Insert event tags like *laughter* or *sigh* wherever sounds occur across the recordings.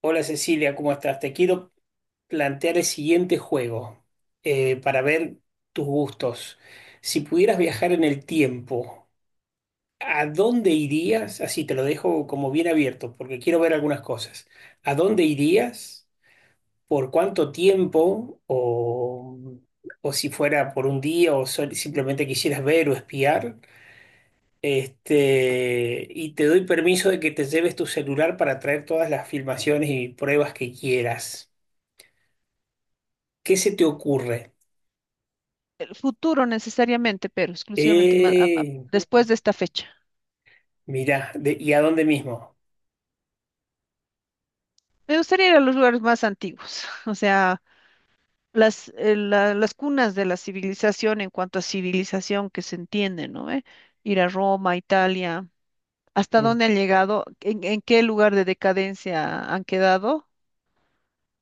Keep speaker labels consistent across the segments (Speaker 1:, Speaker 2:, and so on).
Speaker 1: Hola Cecilia, ¿cómo estás? Te quiero plantear el siguiente juego para ver tus gustos. Si pudieras viajar en el tiempo, ¿a dónde irías? Así te lo dejo como bien abierto porque quiero ver algunas cosas. ¿A dónde irías? ¿Por cuánto tiempo? ¿O si fuera por un día o simplemente quisieras ver o espiar? Este, y te doy permiso de que te lleves tu celular para traer todas las filmaciones y pruebas que quieras. ¿Qué se te ocurre?
Speaker 2: El futuro necesariamente, pero exclusivamente
Speaker 1: Eh,
Speaker 2: después de esta fecha.
Speaker 1: Mirá, ¿y a dónde mismo?
Speaker 2: Me gustaría ir a los lugares más antiguos, *laughs* o sea, las cunas de la civilización en cuanto a civilización que se entiende, ¿no? ¿Eh? Ir a Roma, Italia, hasta
Speaker 1: Mm.
Speaker 2: dónde han llegado, en qué lugar de decadencia han quedado,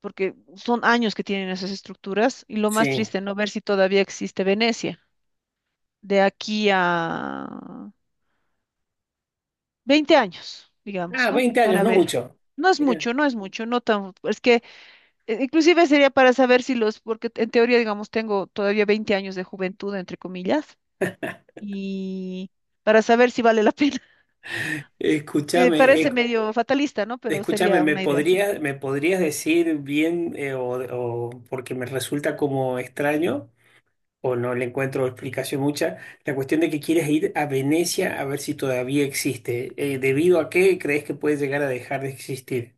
Speaker 2: porque son años que tienen esas estructuras y lo más
Speaker 1: Sí.
Speaker 2: triste, ¿no? Ver si todavía existe Venecia. De aquí a 20 años,
Speaker 1: Ah,
Speaker 2: digamos, ¿no?
Speaker 1: 20 años,
Speaker 2: Para
Speaker 1: no
Speaker 2: ver.
Speaker 1: mucho.
Speaker 2: No es
Speaker 1: Mirá.
Speaker 2: mucho, no es mucho, no tan, es que inclusive sería para saber si los, porque en teoría, digamos, tengo todavía 20 años de juventud, entre comillas, y para saber si vale la pena. *laughs*
Speaker 1: Escúchame,
Speaker 2: Parece medio fatalista, ¿no? Pero
Speaker 1: escúchame,
Speaker 2: sería
Speaker 1: ¿me
Speaker 2: una idea así.
Speaker 1: podrías, me podrías decir bien porque me resulta como extraño o no le encuentro explicación mucha, la cuestión de que quieres ir a Venecia a ver si todavía existe. ¿Debido a qué crees que puede llegar a dejar de existir?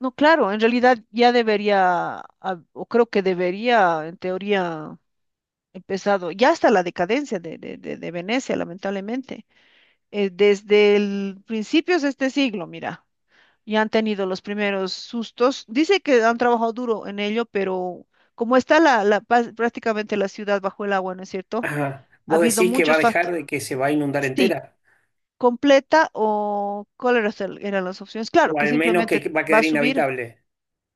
Speaker 2: No, claro, en realidad ya debería, ah, o creo que debería, en teoría, empezado, ya está la decadencia de Venecia, lamentablemente, desde el principios de este siglo, mira. Y han tenido los primeros sustos. Dice que han trabajado duro en ello, pero como está prácticamente la ciudad bajo el agua, ¿no es cierto?
Speaker 1: Ajá.
Speaker 2: Ha
Speaker 1: ¿Vos
Speaker 2: habido
Speaker 1: decís que va a
Speaker 2: muchos
Speaker 1: dejar
Speaker 2: factores.
Speaker 1: de que se va a inundar
Speaker 2: Sí,
Speaker 1: entera?
Speaker 2: completa o cuáles eran las opciones. Claro,
Speaker 1: O
Speaker 2: que
Speaker 1: al menos que
Speaker 2: simplemente
Speaker 1: va a
Speaker 2: va a
Speaker 1: quedar
Speaker 2: subir.
Speaker 1: inhabitable.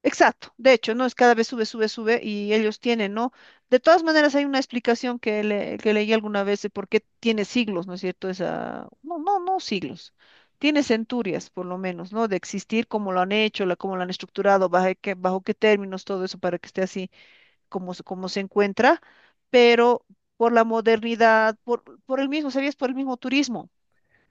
Speaker 2: Exacto, de hecho, ¿no? Es cada vez sube, sube, sube y ellos tienen, ¿no? De todas maneras, hay una explicación que, que leí alguna vez de por qué tiene siglos, ¿no es cierto? Esa, no siglos, tiene centurias, por lo menos, ¿no? De existir, cómo lo han hecho, la, cómo lo han estructurado, bajo qué términos, todo eso para que esté así como se encuentra, pero por la modernidad, por el mismo, ¿sabías? Por el mismo turismo.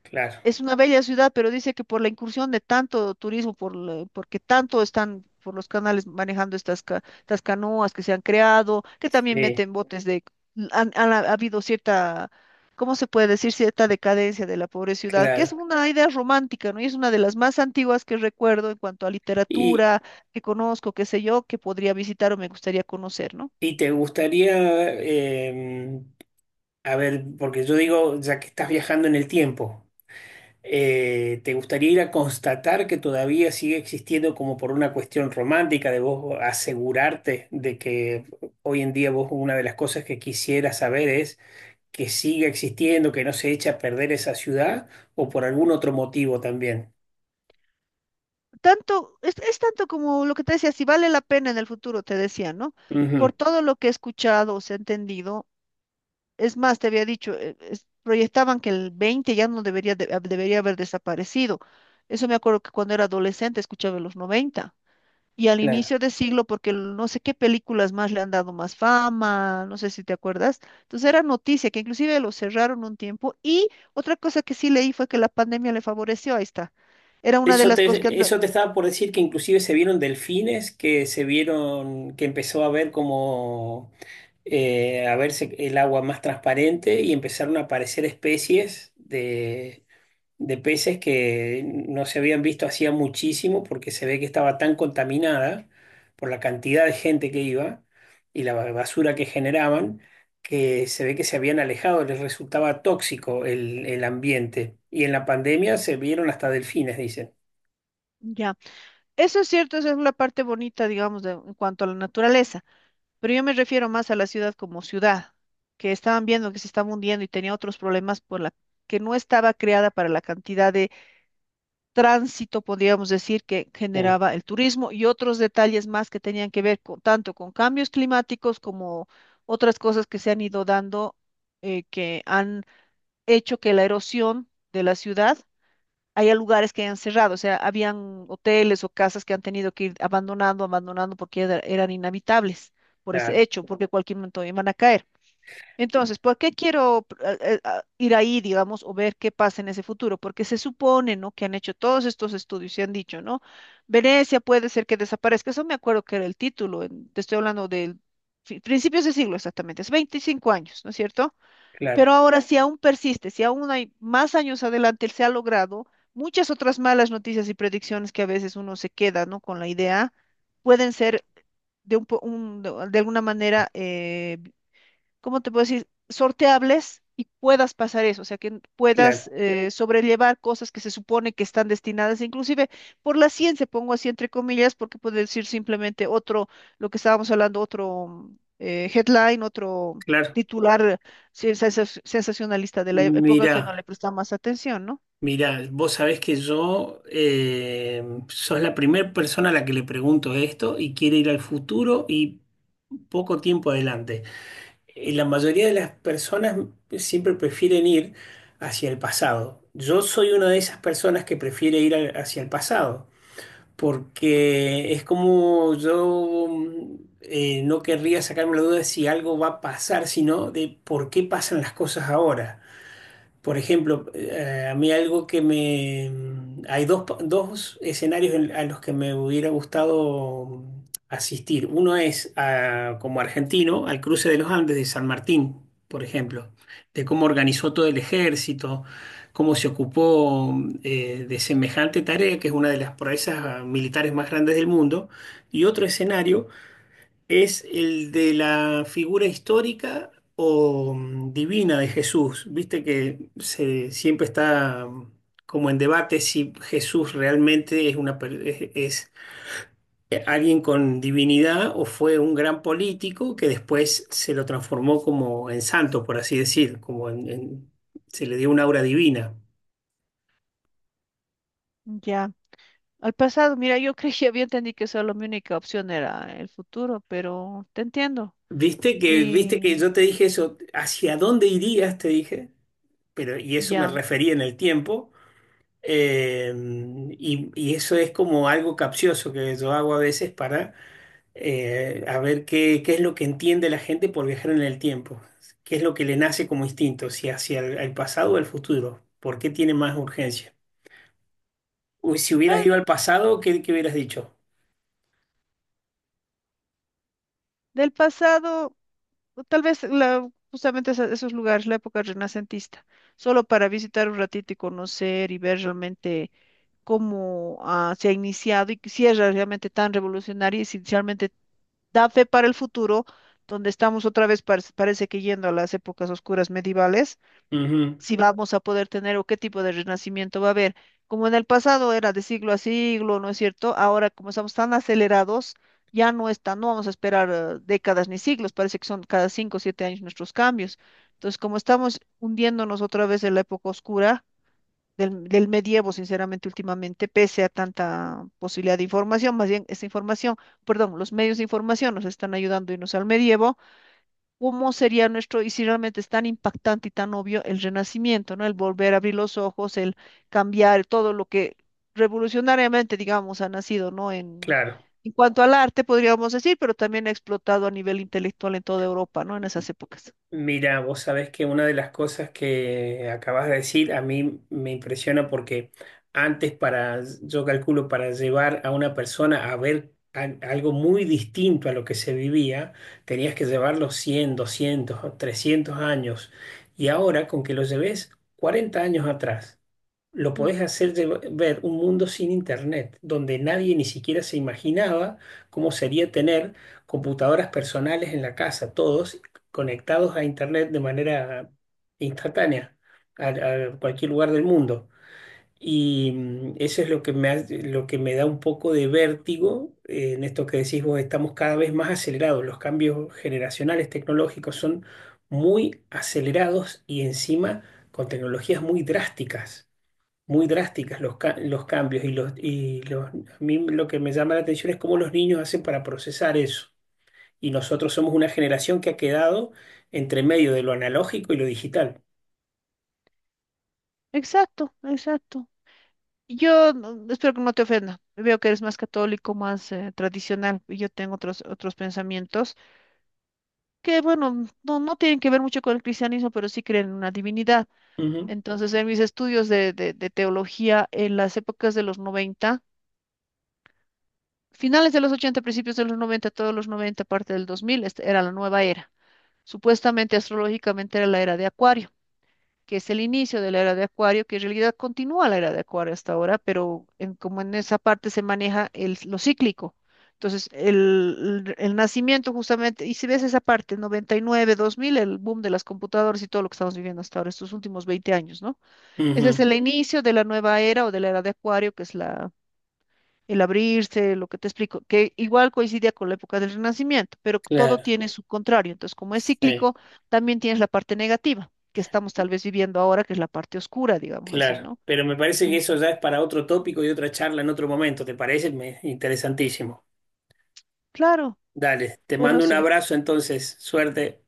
Speaker 1: Claro,
Speaker 2: Es una bella ciudad, pero dice que por la incursión de tanto turismo, porque tanto están por los canales manejando estas canoas que se han creado, que también
Speaker 1: sí,
Speaker 2: meten botes de... Han, han ha habido cierta, ¿cómo se puede decir? Cierta decadencia de la pobre ciudad, que es
Speaker 1: claro.
Speaker 2: una idea romántica, ¿no? Y es una de las más antiguas que recuerdo en cuanto a
Speaker 1: Y,
Speaker 2: literatura, que conozco, qué sé yo, que podría visitar o me gustaría conocer, ¿no?
Speaker 1: y te gustaría, a ver, porque yo digo, ya que estás viajando en el tiempo, ¿te gustaría ir a constatar que todavía sigue existiendo como por una cuestión romántica de vos asegurarte de que hoy en día vos una de las cosas que quisieras saber es que siga existiendo, que no se echa a perder esa ciudad o por algún otro motivo también?
Speaker 2: Tanto, es tanto como lo que te decía, si vale la pena en el futuro, te decía, ¿no?
Speaker 1: Ujú,
Speaker 2: Por todo lo que he escuchado o se entendido, es más, te había dicho, proyectaban que el 20 ya no debería, debería haber desaparecido. Eso me acuerdo que cuando era adolescente escuchaba en los 90 y al
Speaker 1: claro.
Speaker 2: inicio de siglo, porque no sé qué películas más le han dado más fama, no sé si te acuerdas. Entonces era noticia que inclusive lo cerraron un tiempo y otra cosa que sí leí fue que la pandemia le favoreció, ahí está. Era una de
Speaker 1: Eso
Speaker 2: las cosas que...
Speaker 1: te, eso te estaba por decir que inclusive se vieron delfines, que se vieron, que empezó a ver como a verse el agua más transparente y empezaron a aparecer especies de peces que no se habían visto hacía muchísimo porque se ve que estaba tan contaminada por la cantidad de gente que iba y la basura que generaban, que se ve que se habían alejado, les resultaba tóxico el ambiente. Y en la pandemia se vieron hasta delfines, dicen.
Speaker 2: Ya. Eso es cierto, esa es la parte bonita, digamos, de, en cuanto a la naturaleza, pero yo me refiero más a la ciudad como ciudad, que estaban viendo que se estaba hundiendo y tenía otros problemas por la que no estaba creada para la cantidad de tránsito, podríamos decir, que
Speaker 1: Sí.
Speaker 2: generaba el turismo y otros detalles más que tenían que ver con, tanto con cambios climáticos como otras cosas que se han ido dando, que han hecho que la erosión de la ciudad, hay lugares que han cerrado, o sea, habían hoteles o casas que han tenido que ir abandonando, abandonando porque eran inhabitables por ese
Speaker 1: Claro,
Speaker 2: hecho, porque cualquier momento iban a caer. Entonces, ¿por qué quiero pr- a ir ahí, digamos, o ver qué pasa en ese futuro? Porque se supone, ¿no? Que han hecho todos estos estudios y han dicho, ¿no? Venecia puede ser que desaparezca. Eso me acuerdo que era el título, te estoy hablando de principios de siglo exactamente, es 25 años, ¿no es cierto? Pero
Speaker 1: claro,
Speaker 2: ahora, si aún persiste, si aún hay más años adelante, se ha logrado, muchas otras malas noticias y predicciones que a veces uno se queda, ¿no? Con la idea, pueden ser de, un, po- un- de alguna manera ¿cómo te puedo decir? Sorteables y puedas pasar eso, o sea, que puedas
Speaker 1: claro,
Speaker 2: sobrellevar cosas que se supone que están destinadas, inclusive por la ciencia, pongo así entre comillas, porque puede decir simplemente otro, lo que estábamos hablando, otro headline, otro
Speaker 1: claro.
Speaker 2: titular, sí, sensacionalista de la época
Speaker 1: Mirá,
Speaker 2: que no le prestaba más atención, ¿no?
Speaker 1: mirá, vos sabés que yo sos la primera persona a la que le pregunto esto y quiere ir al futuro y poco tiempo adelante. La mayoría de las personas siempre prefieren ir hacia el pasado. Yo soy una de esas personas que prefiere ir hacia el pasado porque es como yo no querría sacarme la duda de si algo va a pasar, sino de por qué pasan las cosas ahora. Por ejemplo, a mí algo que me... Hay dos escenarios a los que me hubiera gustado asistir. Uno es como argentino al cruce de los Andes de San Martín, por ejemplo, de cómo organizó todo el ejército, cómo se ocupó de semejante tarea, que es una de las proezas militares más grandes del mundo. Y otro escenario, ¿es el de la figura histórica o divina de Jesús? Viste que siempre está como en debate si Jesús realmente es, una, per- es, alguien con divinidad o fue un gran político que después se lo transformó como en santo, por así decir, como se le dio una aura divina.
Speaker 2: Ya, al pasado, mira, yo *laughs* creía, había entendido que solo mi única opción era el futuro, pero te entiendo.
Speaker 1: Viste que
Speaker 2: Y
Speaker 1: yo te dije eso, ¿hacia dónde irías? Te dije, pero y eso me
Speaker 2: ya,
Speaker 1: refería en el tiempo. Eh, y eso es como algo capcioso que yo hago a veces para a ver qué es lo que entiende la gente por viajar en el tiempo, qué es lo que le nace como instinto, si hacia el pasado o el futuro, por qué tiene más urgencia. Uy, si hubieras ido
Speaker 2: bueno,
Speaker 1: al pasado, ¿qué hubieras dicho?
Speaker 2: del pasado. O tal vez la, justamente esos lugares, la época renacentista, solo para visitar un ratito y conocer y ver realmente cómo ah, se ha iniciado y que si es realmente tan revolucionario y si realmente da fe para el futuro, donde estamos otra vez, parece que yendo a las épocas oscuras medievales
Speaker 1: Ujú,
Speaker 2: si vamos a poder tener o qué tipo de renacimiento va a haber. Como en el pasado era de siglo a siglo, ¿no es cierto? Ahora, como estamos tan acelerados, ya no está, no vamos a esperar décadas ni siglos, parece que son cada 5 o 7 años nuestros cambios. Entonces, como estamos hundiéndonos otra vez en la época oscura del medievo, sinceramente, últimamente, pese a tanta posibilidad de información, más bien esa información, perdón, los medios de información nos están ayudando a irnos al medievo cómo sería nuestro, y si realmente es tan impactante y tan obvio el renacimiento, ¿no? El volver a abrir los ojos, el cambiar todo lo que revolucionariamente, digamos, ha nacido, ¿no?
Speaker 1: claro.
Speaker 2: En cuanto al arte, podríamos decir, pero también ha explotado a nivel intelectual en toda Europa, ¿no? En esas épocas.
Speaker 1: Mira, vos sabés que una de las cosas que acabas de decir a mí me impresiona porque antes para, yo calculo, para llevar a una persona a ver algo muy distinto a lo que se vivía, tenías que llevarlo 100, 200, o 300 años. Y ahora con que lo lleves 40 años atrás lo
Speaker 2: Mm.
Speaker 1: podés hacer ver un mundo sin internet, donde nadie ni siquiera se imaginaba cómo sería tener computadoras personales en la casa, todos conectados a internet de manera instantánea, a cualquier lugar del mundo. Y mm, eso es lo que lo que me da un poco de vértigo en esto que decís vos, estamos cada vez más acelerados, los cambios generacionales tecnológicos son muy acelerados y encima con tecnologías muy drásticas los cambios a mí lo que me llama la atención es cómo los niños hacen para procesar eso. Y nosotros somos una generación que ha quedado entre medio de lo analógico y lo digital.
Speaker 2: Exacto, exacto. Y yo espero que no te ofenda. Veo que eres más católico, más tradicional, y yo tengo otros pensamientos que, bueno, no tienen que ver mucho con el cristianismo, pero sí creen en una divinidad.
Speaker 1: Ujú,
Speaker 2: Entonces, en mis estudios de, de teología en las épocas de los 90, finales de los 80, principios de los 90, todos los 90, parte del 2000, esta era la nueva era. Supuestamente, astrológicamente, era la era de Acuario, que es el inicio de la era de Acuario, que en realidad continúa la era de Acuario hasta ahora, pero como en esa parte se maneja lo cíclico. Entonces, el nacimiento justamente, y si ves esa parte, 99, 2000, el boom de las computadoras y todo lo que estamos viviendo hasta ahora, estos últimos 20 años, ¿no? Ese
Speaker 1: ujú.
Speaker 2: es el inicio de la nueva era o de la era de Acuario, que es la, el abrirse, lo que te explico, que igual coincidía con la época del Renacimiento, pero todo
Speaker 1: Claro,
Speaker 2: tiene su contrario. Entonces, como es
Speaker 1: sí,
Speaker 2: cíclico, también tienes la parte negativa, que estamos tal vez viviendo ahora, que es la parte oscura, digámoslo así,
Speaker 1: claro.
Speaker 2: ¿no?
Speaker 1: Pero me parece que
Speaker 2: Ent-
Speaker 1: eso ya es para otro tópico y otra charla en otro momento, ¿te parece? Me- interesantísimo.
Speaker 2: Claro,
Speaker 1: Dale, te
Speaker 2: pero
Speaker 1: mando un
Speaker 2: sí.
Speaker 1: abrazo entonces, suerte.